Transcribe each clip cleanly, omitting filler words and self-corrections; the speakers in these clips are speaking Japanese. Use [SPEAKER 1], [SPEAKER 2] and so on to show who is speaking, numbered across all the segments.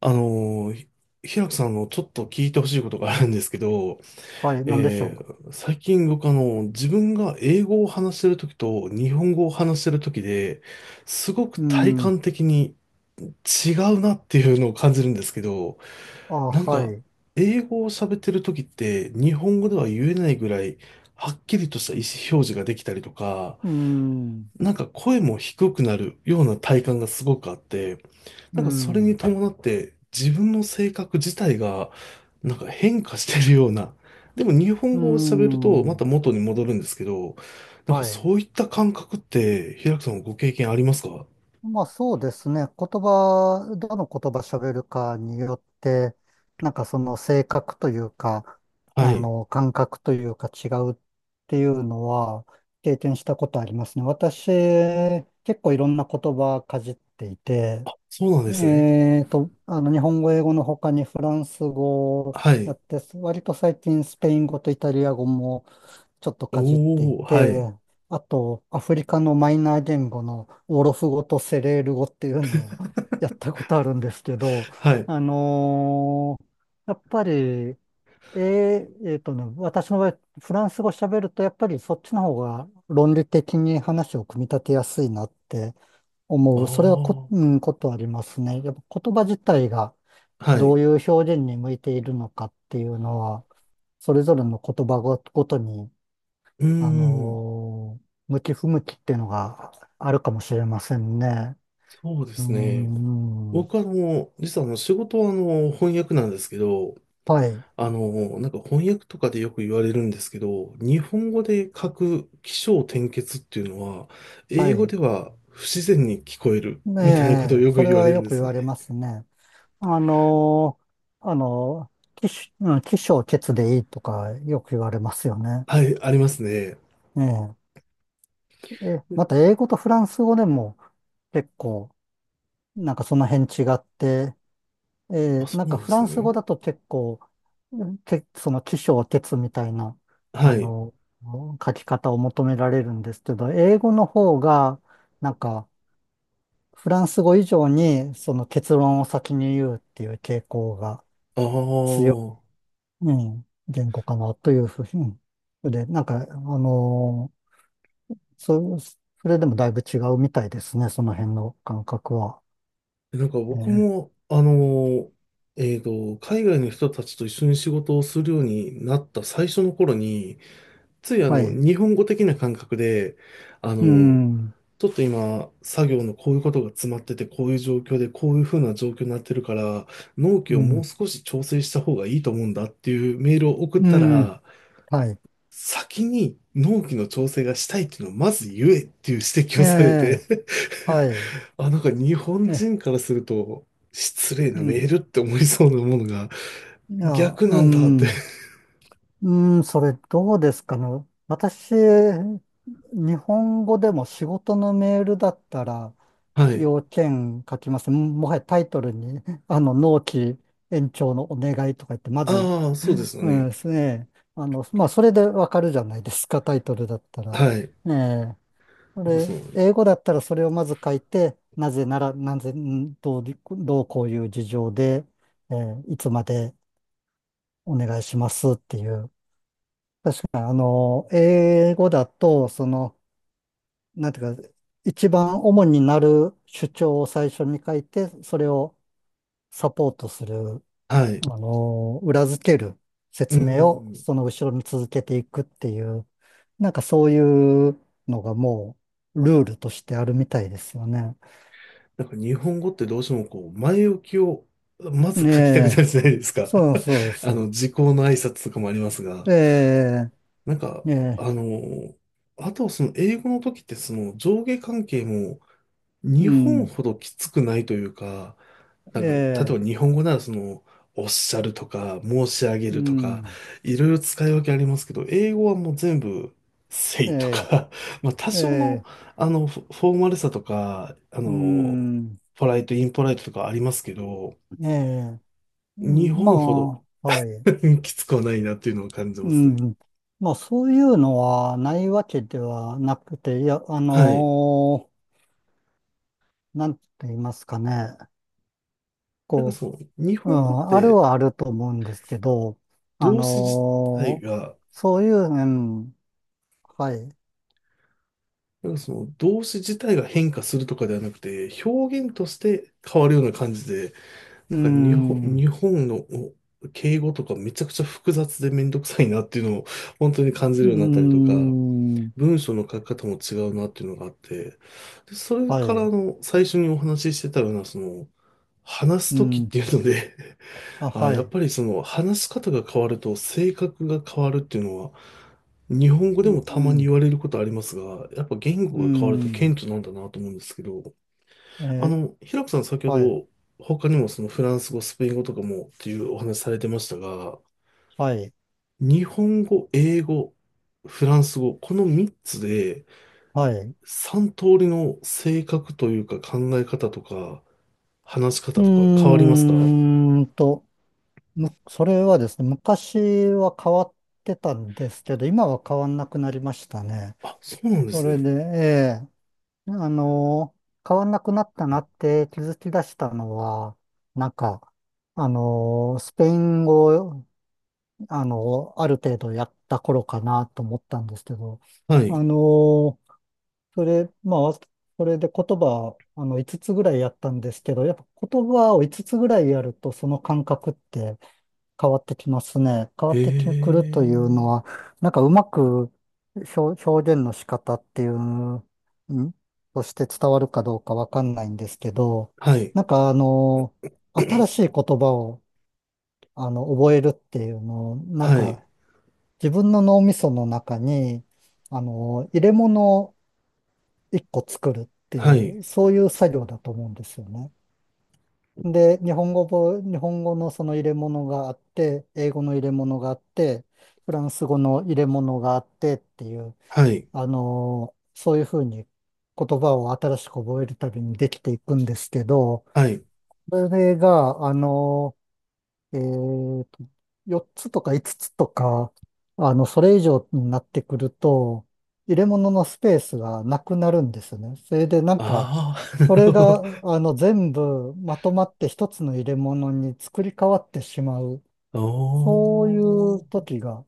[SPEAKER 1] あのー、ひ平くさんのちょっと聞いてほしいことがあるんですけど、
[SPEAKER 2] はい、なんでしょ
[SPEAKER 1] 最近僕自分が英語を話してるときと日本語を話してるときで、すごく
[SPEAKER 2] う。う
[SPEAKER 1] 体
[SPEAKER 2] ん。
[SPEAKER 1] 感的に違うなっていうのを感じるんですけど、
[SPEAKER 2] あ、
[SPEAKER 1] なん
[SPEAKER 2] は
[SPEAKER 1] か、
[SPEAKER 2] い。
[SPEAKER 1] 英語を喋ってるときって日本語では言えないぐらい、はっきりとした意思表示ができたりとか、
[SPEAKER 2] うん。
[SPEAKER 1] なんか声も低くなるような体感がすごくあって、
[SPEAKER 2] う
[SPEAKER 1] なんかそれに
[SPEAKER 2] ん。
[SPEAKER 1] 伴って自分の性格自体がなんか変化してるような。でも日
[SPEAKER 2] う
[SPEAKER 1] 本語を喋るとま
[SPEAKER 2] ん。
[SPEAKER 1] た元に戻るんですけど、なんか
[SPEAKER 2] はい。
[SPEAKER 1] そういった感覚って平木さんもご経験ありますか？
[SPEAKER 2] まあそうですね。言葉、どの言葉喋るかによって、なんかその性格というか、
[SPEAKER 1] はい。
[SPEAKER 2] 感覚というか違うっていうのは経験したことありますね。私、結構いろんな言葉かじっていて、
[SPEAKER 1] そうなんですね。
[SPEAKER 2] 日本語、英語の他にフランス語を
[SPEAKER 1] は
[SPEAKER 2] や
[SPEAKER 1] い。
[SPEAKER 2] って、割と最近スペイン語とイタリア語もちょっとかじってい
[SPEAKER 1] おー、は
[SPEAKER 2] て、
[SPEAKER 1] い。
[SPEAKER 2] あと、アフリカのマイナー言語のオロフ語とセレール語っていうのを やったことあるんですけど、
[SPEAKER 1] はい。
[SPEAKER 2] あのーやっぱり、ー、私の場合、フランス語喋ると、やっぱりそっちの方が論理的に話を組み立てやすいなって
[SPEAKER 1] あ
[SPEAKER 2] 思う。それは
[SPEAKER 1] あ、
[SPEAKER 2] うん、ことありますね。やっぱ言葉自体が
[SPEAKER 1] は
[SPEAKER 2] ど
[SPEAKER 1] い。
[SPEAKER 2] ういう表現に向いているのかっていうのは、それぞれの言葉ごとに、
[SPEAKER 1] うーん、
[SPEAKER 2] 向き不向きっていうのがあるかもしれませんね。
[SPEAKER 1] そうで
[SPEAKER 2] うー
[SPEAKER 1] すね。
[SPEAKER 2] ん。
[SPEAKER 1] 僕は実は仕事は翻訳なんですけど、
[SPEAKER 2] はい。
[SPEAKER 1] なんか翻訳とかでよく言われるんですけど、日本語で書く起承転結っていうのは、
[SPEAKER 2] は
[SPEAKER 1] 英語
[SPEAKER 2] い。
[SPEAKER 1] では不自然に聞こえる
[SPEAKER 2] ね
[SPEAKER 1] みたいなことを
[SPEAKER 2] え、
[SPEAKER 1] よ
[SPEAKER 2] そ
[SPEAKER 1] く
[SPEAKER 2] れ
[SPEAKER 1] 言わ
[SPEAKER 2] は
[SPEAKER 1] れるん
[SPEAKER 2] よ
[SPEAKER 1] で
[SPEAKER 2] く言
[SPEAKER 1] すね。
[SPEAKER 2] われますね。あのーあの起承結でいいとかよく言われますよね。
[SPEAKER 1] はい、ありますね。
[SPEAKER 2] ええ、また英語とフランス語でも結構なんかその辺違って、え
[SPEAKER 1] あ、そ
[SPEAKER 2] なん
[SPEAKER 1] うな
[SPEAKER 2] か
[SPEAKER 1] んで
[SPEAKER 2] フラ
[SPEAKER 1] す
[SPEAKER 2] ンス
[SPEAKER 1] ね。
[SPEAKER 2] 語だと結構、その起承転みたいな、
[SPEAKER 1] は
[SPEAKER 2] あ
[SPEAKER 1] い。
[SPEAKER 2] の、書き方を求められるんですけど、英語の方が、なんかフランス語以上にその結論を先に言うっていう傾向が
[SPEAKER 1] あ
[SPEAKER 2] 強い、
[SPEAKER 1] あ。
[SPEAKER 2] うん、言語かなというふうに。で、なんか、それでもだいぶ違うみたいですね、その辺の感覚は。
[SPEAKER 1] なんか
[SPEAKER 2] え
[SPEAKER 1] 僕
[SPEAKER 2] ー
[SPEAKER 1] も、海外の人たちと一緒に仕事をするようになった最初の頃に、つい
[SPEAKER 2] はい。
[SPEAKER 1] 日本語的な感覚で、あ
[SPEAKER 2] う
[SPEAKER 1] の、
[SPEAKER 2] ん。
[SPEAKER 1] ちょっと今、作業のこういうことが詰まってて、こういう状況で、こういうふうな状況になってるから、納期
[SPEAKER 2] う
[SPEAKER 1] をもう
[SPEAKER 2] ん
[SPEAKER 1] 少し調整した方がいいと思うんだっていうメールを送っ
[SPEAKER 2] う
[SPEAKER 1] た
[SPEAKER 2] ん、
[SPEAKER 1] ら、
[SPEAKER 2] はい。
[SPEAKER 1] 先に納期の調整がしたいっていうのをまず言えっていう指摘を
[SPEAKER 2] え
[SPEAKER 1] されて
[SPEAKER 2] え、はい。
[SPEAKER 1] あ、なんか日本
[SPEAKER 2] え、
[SPEAKER 1] 人からすると、失礼
[SPEAKER 2] う
[SPEAKER 1] なメ
[SPEAKER 2] ん。
[SPEAKER 1] ールって思いそうなものが
[SPEAKER 2] いや、
[SPEAKER 1] 逆
[SPEAKER 2] う
[SPEAKER 1] なんだって。
[SPEAKER 2] ん、うん、それどうですかね。私、日本語でも仕事のメールだったら、
[SPEAKER 1] はい。
[SPEAKER 2] 要件書きます。もはやタイトルに、納期延長のお願いとか言って、まず、
[SPEAKER 1] ああ、そうですよ
[SPEAKER 2] うん
[SPEAKER 1] ね。
[SPEAKER 2] ですね。まあ、それでわかるじゃないですか、タイトルだったら。
[SPEAKER 1] はい。
[SPEAKER 2] ええこ
[SPEAKER 1] そ
[SPEAKER 2] れ、
[SPEAKER 1] う。
[SPEAKER 2] 英語だったらそれをまず書いて、なぜなら、なぜ、んどう、どうこういう事情で、いつまでお願いしますっていう。英語だと、なんていうか、一番主になる主張を最初に書いて、それをサポートする、
[SPEAKER 1] はい。
[SPEAKER 2] 裏付ける
[SPEAKER 1] う
[SPEAKER 2] 説明を
[SPEAKER 1] ん。
[SPEAKER 2] その後ろに続けていくっていう、なんかそういうのがもうルールとしてあるみたいですよね。
[SPEAKER 1] なんか日本語ってどうしてもこう、前置きをまず
[SPEAKER 2] ね
[SPEAKER 1] 書きたくな
[SPEAKER 2] え。
[SPEAKER 1] るじゃないですか。
[SPEAKER 2] そうそうで す。
[SPEAKER 1] 時効の挨拶とかもありますが、
[SPEAKER 2] え
[SPEAKER 1] なんか、
[SPEAKER 2] え
[SPEAKER 1] あの、あとはその英語の時ってその上下関係も
[SPEAKER 2] ー、う
[SPEAKER 1] 日本
[SPEAKER 2] ん、
[SPEAKER 1] ほどきつくないというか、なんか、例え
[SPEAKER 2] ええ
[SPEAKER 1] ば日本語ならその、おっしゃるとか、申し上げ
[SPEAKER 2] う
[SPEAKER 1] るとか、
[SPEAKER 2] ん、
[SPEAKER 1] いろいろ使い分けありますけど、英語はもう全部、say と
[SPEAKER 2] え
[SPEAKER 1] か、まあ多少の、
[SPEAKER 2] ええ
[SPEAKER 1] フォーマルさとか、
[SPEAKER 2] えうん、
[SPEAKER 1] ポライト、インポライトとかありますけど、
[SPEAKER 2] ええう
[SPEAKER 1] 日
[SPEAKER 2] ん、ま
[SPEAKER 1] 本ほど
[SPEAKER 2] あ、はい、
[SPEAKER 1] きつくはないなっていうのを感じ
[SPEAKER 2] う
[SPEAKER 1] ますね。
[SPEAKER 2] ん。まあ、そういうのはないわけではなくて、いや、
[SPEAKER 1] はい。
[SPEAKER 2] なんて言いますかね。
[SPEAKER 1] なんか
[SPEAKER 2] こ
[SPEAKER 1] その、日
[SPEAKER 2] う、う
[SPEAKER 1] 本語っ
[SPEAKER 2] ん、ある
[SPEAKER 1] て
[SPEAKER 2] はあると思うんですけど、あ
[SPEAKER 1] 動詞自体
[SPEAKER 2] のー
[SPEAKER 1] が
[SPEAKER 2] そういう、うん、はい、
[SPEAKER 1] 動詞自体が変化するとかではなくて、表現として変わるような感じで、な
[SPEAKER 2] う
[SPEAKER 1] んか
[SPEAKER 2] ん、
[SPEAKER 1] 日本の敬語とかめちゃくちゃ複雑でめんどくさいなっていうのを本当に感じ
[SPEAKER 2] う
[SPEAKER 1] るようになったりとか、
[SPEAKER 2] ん、
[SPEAKER 1] 文章の書き方も違うなっていうのがあって、で、それ
[SPEAKER 2] は
[SPEAKER 1] から
[SPEAKER 2] い。
[SPEAKER 1] 最初にお話ししてたような、その、話す
[SPEAKER 2] う
[SPEAKER 1] ときっ
[SPEAKER 2] ん。
[SPEAKER 1] ていうので
[SPEAKER 2] あ、は
[SPEAKER 1] やっ
[SPEAKER 2] い。
[SPEAKER 1] ぱりその話し方が変わると性格が変わるっていうのは、日本語で
[SPEAKER 2] う
[SPEAKER 1] もたまに
[SPEAKER 2] ん。
[SPEAKER 1] 言われることありますが、やっぱ言
[SPEAKER 2] う
[SPEAKER 1] 語が変わると顕
[SPEAKER 2] ん。
[SPEAKER 1] 著なんだなと思うんですけど、
[SPEAKER 2] えー
[SPEAKER 1] 平子さん先ほ
[SPEAKER 2] はい。
[SPEAKER 1] ど他にもそのフランス語、スペイン語とかもっていうお話されてましたが、
[SPEAKER 2] はい。
[SPEAKER 1] 日本語、英語、フランス語、この3つで
[SPEAKER 2] はい。
[SPEAKER 1] 3通りの性格というか考え方とか話し
[SPEAKER 2] う
[SPEAKER 1] 方とか変わりますか？
[SPEAKER 2] ーんと、それはですね、昔は変わってたんですけど、今は変わんなくなりましたね。
[SPEAKER 1] あ、そうなんで
[SPEAKER 2] そ
[SPEAKER 1] す
[SPEAKER 2] れ
[SPEAKER 1] ね。
[SPEAKER 2] で、ええあの変わんなくなったなって気づき出したのは、なんか、あのスペイン語、ある程度やった頃かなと思ったんですけど、
[SPEAKER 1] は
[SPEAKER 2] あ
[SPEAKER 1] い。
[SPEAKER 2] のまあ、それで言葉、5つつぐらいやったんですけど、やっぱ言葉を5つつぐらいやると、その感覚って変わってきますね。変わってく
[SPEAKER 1] へ
[SPEAKER 2] るというの
[SPEAKER 1] え。
[SPEAKER 2] は、なんかうまく表現の仕方っていう、んとして伝わるかどうかわかんないんですけど、
[SPEAKER 1] はい、
[SPEAKER 2] なんか、新しい言葉を、覚えるっていうのを、なん
[SPEAKER 1] はい、
[SPEAKER 2] か自分の脳みその中に、入れ物一個作るって
[SPEAKER 1] は
[SPEAKER 2] い
[SPEAKER 1] い、
[SPEAKER 2] う、そういう作業だと思うんですよね。で、日本語も、日本語のその入れ物があって、英語の入れ物があって、フランス語の入れ物があってっていう、
[SPEAKER 1] はい、
[SPEAKER 2] そういうふうに言葉を新しく覚えるたびにできていくんですけど、
[SPEAKER 1] はい。
[SPEAKER 2] それが、えーと、4つとか5つつとか、それ以上になってくると、入れ物のスペースがなくなるんですよね。それでなんか、
[SPEAKER 1] ああ、な
[SPEAKER 2] そ
[SPEAKER 1] る
[SPEAKER 2] れ
[SPEAKER 1] ほど。
[SPEAKER 2] が、全部まとまって一つの入れ物に作り変わってしまう、
[SPEAKER 1] お
[SPEAKER 2] そういう
[SPEAKER 1] ー。
[SPEAKER 2] 時が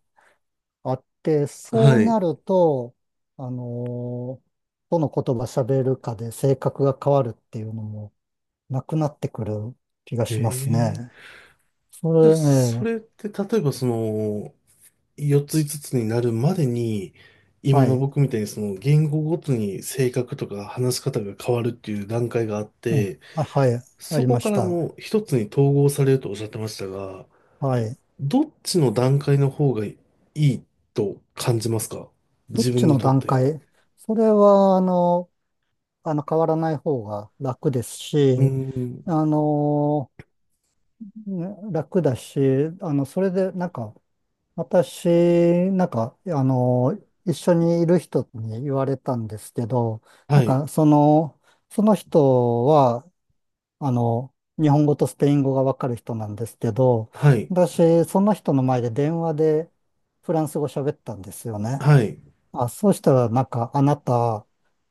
[SPEAKER 2] あって、そう
[SPEAKER 1] は
[SPEAKER 2] な
[SPEAKER 1] い。
[SPEAKER 2] ると、あのーどの言葉喋るかで性格が変わるっていうのもなくなってくる気が
[SPEAKER 1] え
[SPEAKER 2] します
[SPEAKER 1] え。
[SPEAKER 2] ね。そ
[SPEAKER 1] じ
[SPEAKER 2] れ、
[SPEAKER 1] ゃあ、そ
[SPEAKER 2] え
[SPEAKER 1] れっ
[SPEAKER 2] え
[SPEAKER 1] て、例えば、その、4つ5つつになるまでに、今
[SPEAKER 2] は
[SPEAKER 1] の
[SPEAKER 2] い。
[SPEAKER 1] 僕みたいに、その、言語ごとに性格とか話し方が変わるっていう段階があっ
[SPEAKER 2] うん。
[SPEAKER 1] て、
[SPEAKER 2] あ、はい。あ
[SPEAKER 1] そ
[SPEAKER 2] り
[SPEAKER 1] こ
[SPEAKER 2] ま
[SPEAKER 1] か
[SPEAKER 2] し
[SPEAKER 1] ら
[SPEAKER 2] た。
[SPEAKER 1] の1つに統合されるとおっしゃってましたが、
[SPEAKER 2] はい。
[SPEAKER 1] どっちの段階の方がいいと感じますか
[SPEAKER 2] どっ
[SPEAKER 1] 自
[SPEAKER 2] ち
[SPEAKER 1] 分に
[SPEAKER 2] の
[SPEAKER 1] とっ
[SPEAKER 2] 段
[SPEAKER 1] て？
[SPEAKER 2] 階。それは、変わらない方が楽です
[SPEAKER 1] うー
[SPEAKER 2] し、
[SPEAKER 1] ん。
[SPEAKER 2] あの、ね楽だし、それで、なんか、私、なんか、一緒にいる人に言われたんですけど、
[SPEAKER 1] は
[SPEAKER 2] なん
[SPEAKER 1] い。
[SPEAKER 2] か、その人は、日本語とスペイン語がわかる人なんですけど、
[SPEAKER 1] はい。
[SPEAKER 2] 私、その人の前で電話でフランス語喋ったんですよね。
[SPEAKER 1] はい。
[SPEAKER 2] あ、そうしたら、なんか、あなた、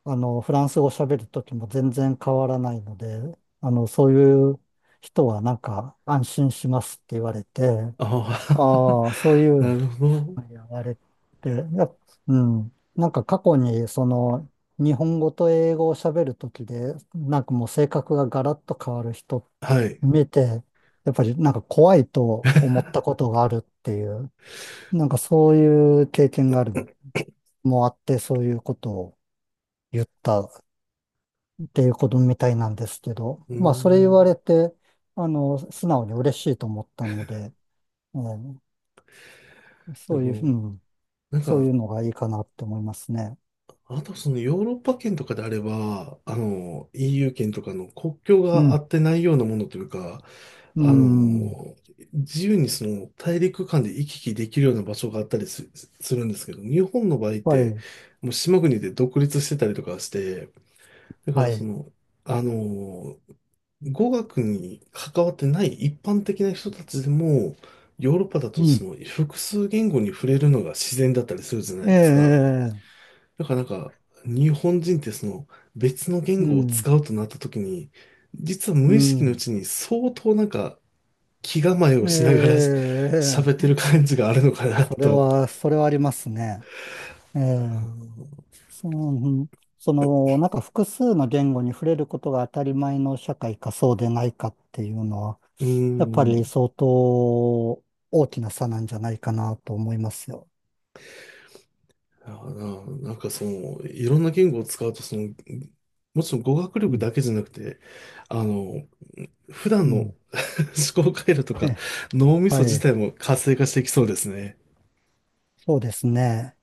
[SPEAKER 2] フランス語喋るときも全然変わらないので、そういう人は、なんか、安心しますって言われて、
[SPEAKER 1] ああ、
[SPEAKER 2] ああ、そうい う
[SPEAKER 1] なるほど。
[SPEAKER 2] の言われて、うん、なんか過去に、その、日本語と英語を喋るときで、なんかもう性格がガラッと変わる人
[SPEAKER 1] はい。
[SPEAKER 2] 見て、やっぱりなんか怖いと思ったことがあるっていう、なんかそういう経験がある、もあって、そういうことを言ったっていうことみたいなんですけど、
[SPEAKER 1] うー
[SPEAKER 2] まあそれ言わ
[SPEAKER 1] ん。
[SPEAKER 2] れて、素直に嬉しいと思ったので、え
[SPEAKER 1] で
[SPEAKER 2] そういう、う
[SPEAKER 1] も、
[SPEAKER 2] ん、
[SPEAKER 1] なん
[SPEAKER 2] そうい
[SPEAKER 1] か、
[SPEAKER 2] うのがいいかなって思いますね。
[SPEAKER 1] あとそのヨーロッパ圏とかであれば、EU 圏とかの国境
[SPEAKER 2] う
[SPEAKER 1] があ
[SPEAKER 2] ん、
[SPEAKER 1] ってないようなものというか、
[SPEAKER 2] う
[SPEAKER 1] あ
[SPEAKER 2] ん、
[SPEAKER 1] の、自由にその大陸間で行き来できるような場所があったりす、するんですけど、日本の場合っ
[SPEAKER 2] は
[SPEAKER 1] て、
[SPEAKER 2] い、
[SPEAKER 1] もう島国で独立してたりとかして、だから
[SPEAKER 2] は
[SPEAKER 1] そ
[SPEAKER 2] い、
[SPEAKER 1] の、あの、語学に関わってない一般的な人たちでも、ヨーロッパだと
[SPEAKER 2] うん、
[SPEAKER 1] その複数言語に触れるのが自然だったりするじゃな
[SPEAKER 2] ええ、
[SPEAKER 1] いですか。
[SPEAKER 2] ええ
[SPEAKER 1] だからなんか、日本人ってその別の
[SPEAKER 2] う
[SPEAKER 1] 言語を
[SPEAKER 2] ん、
[SPEAKER 1] 使うとなった時に、実は
[SPEAKER 2] う
[SPEAKER 1] 無意識のう
[SPEAKER 2] ん、
[SPEAKER 1] ちに相当なんか気構えを
[SPEAKER 2] え
[SPEAKER 1] しながら 喋ってる
[SPEAKER 2] え、
[SPEAKER 1] 感じがあるのかな
[SPEAKER 2] それ
[SPEAKER 1] と。
[SPEAKER 2] は、それはありますね。ええ、その、その、なんか複数の言語に触れることが当たり前の社会かそうでないかっていうのは、
[SPEAKER 1] うー
[SPEAKER 2] やっぱ
[SPEAKER 1] ん。う
[SPEAKER 2] り
[SPEAKER 1] ん。
[SPEAKER 2] 相当大きな差なんじゃないかなと思いますよ。
[SPEAKER 1] だからな、なんかその、いろんな言語を使うと、その、もちろん語学
[SPEAKER 2] う
[SPEAKER 1] 力
[SPEAKER 2] ん、
[SPEAKER 1] だけじゃなくて、あの、普段
[SPEAKER 2] うん。
[SPEAKER 1] の 思考回路と
[SPEAKER 2] え
[SPEAKER 1] か
[SPEAKER 2] え、
[SPEAKER 1] 脳みそ
[SPEAKER 2] は
[SPEAKER 1] 自
[SPEAKER 2] い、
[SPEAKER 1] 体も活性化していきそうですね。
[SPEAKER 2] そうですね。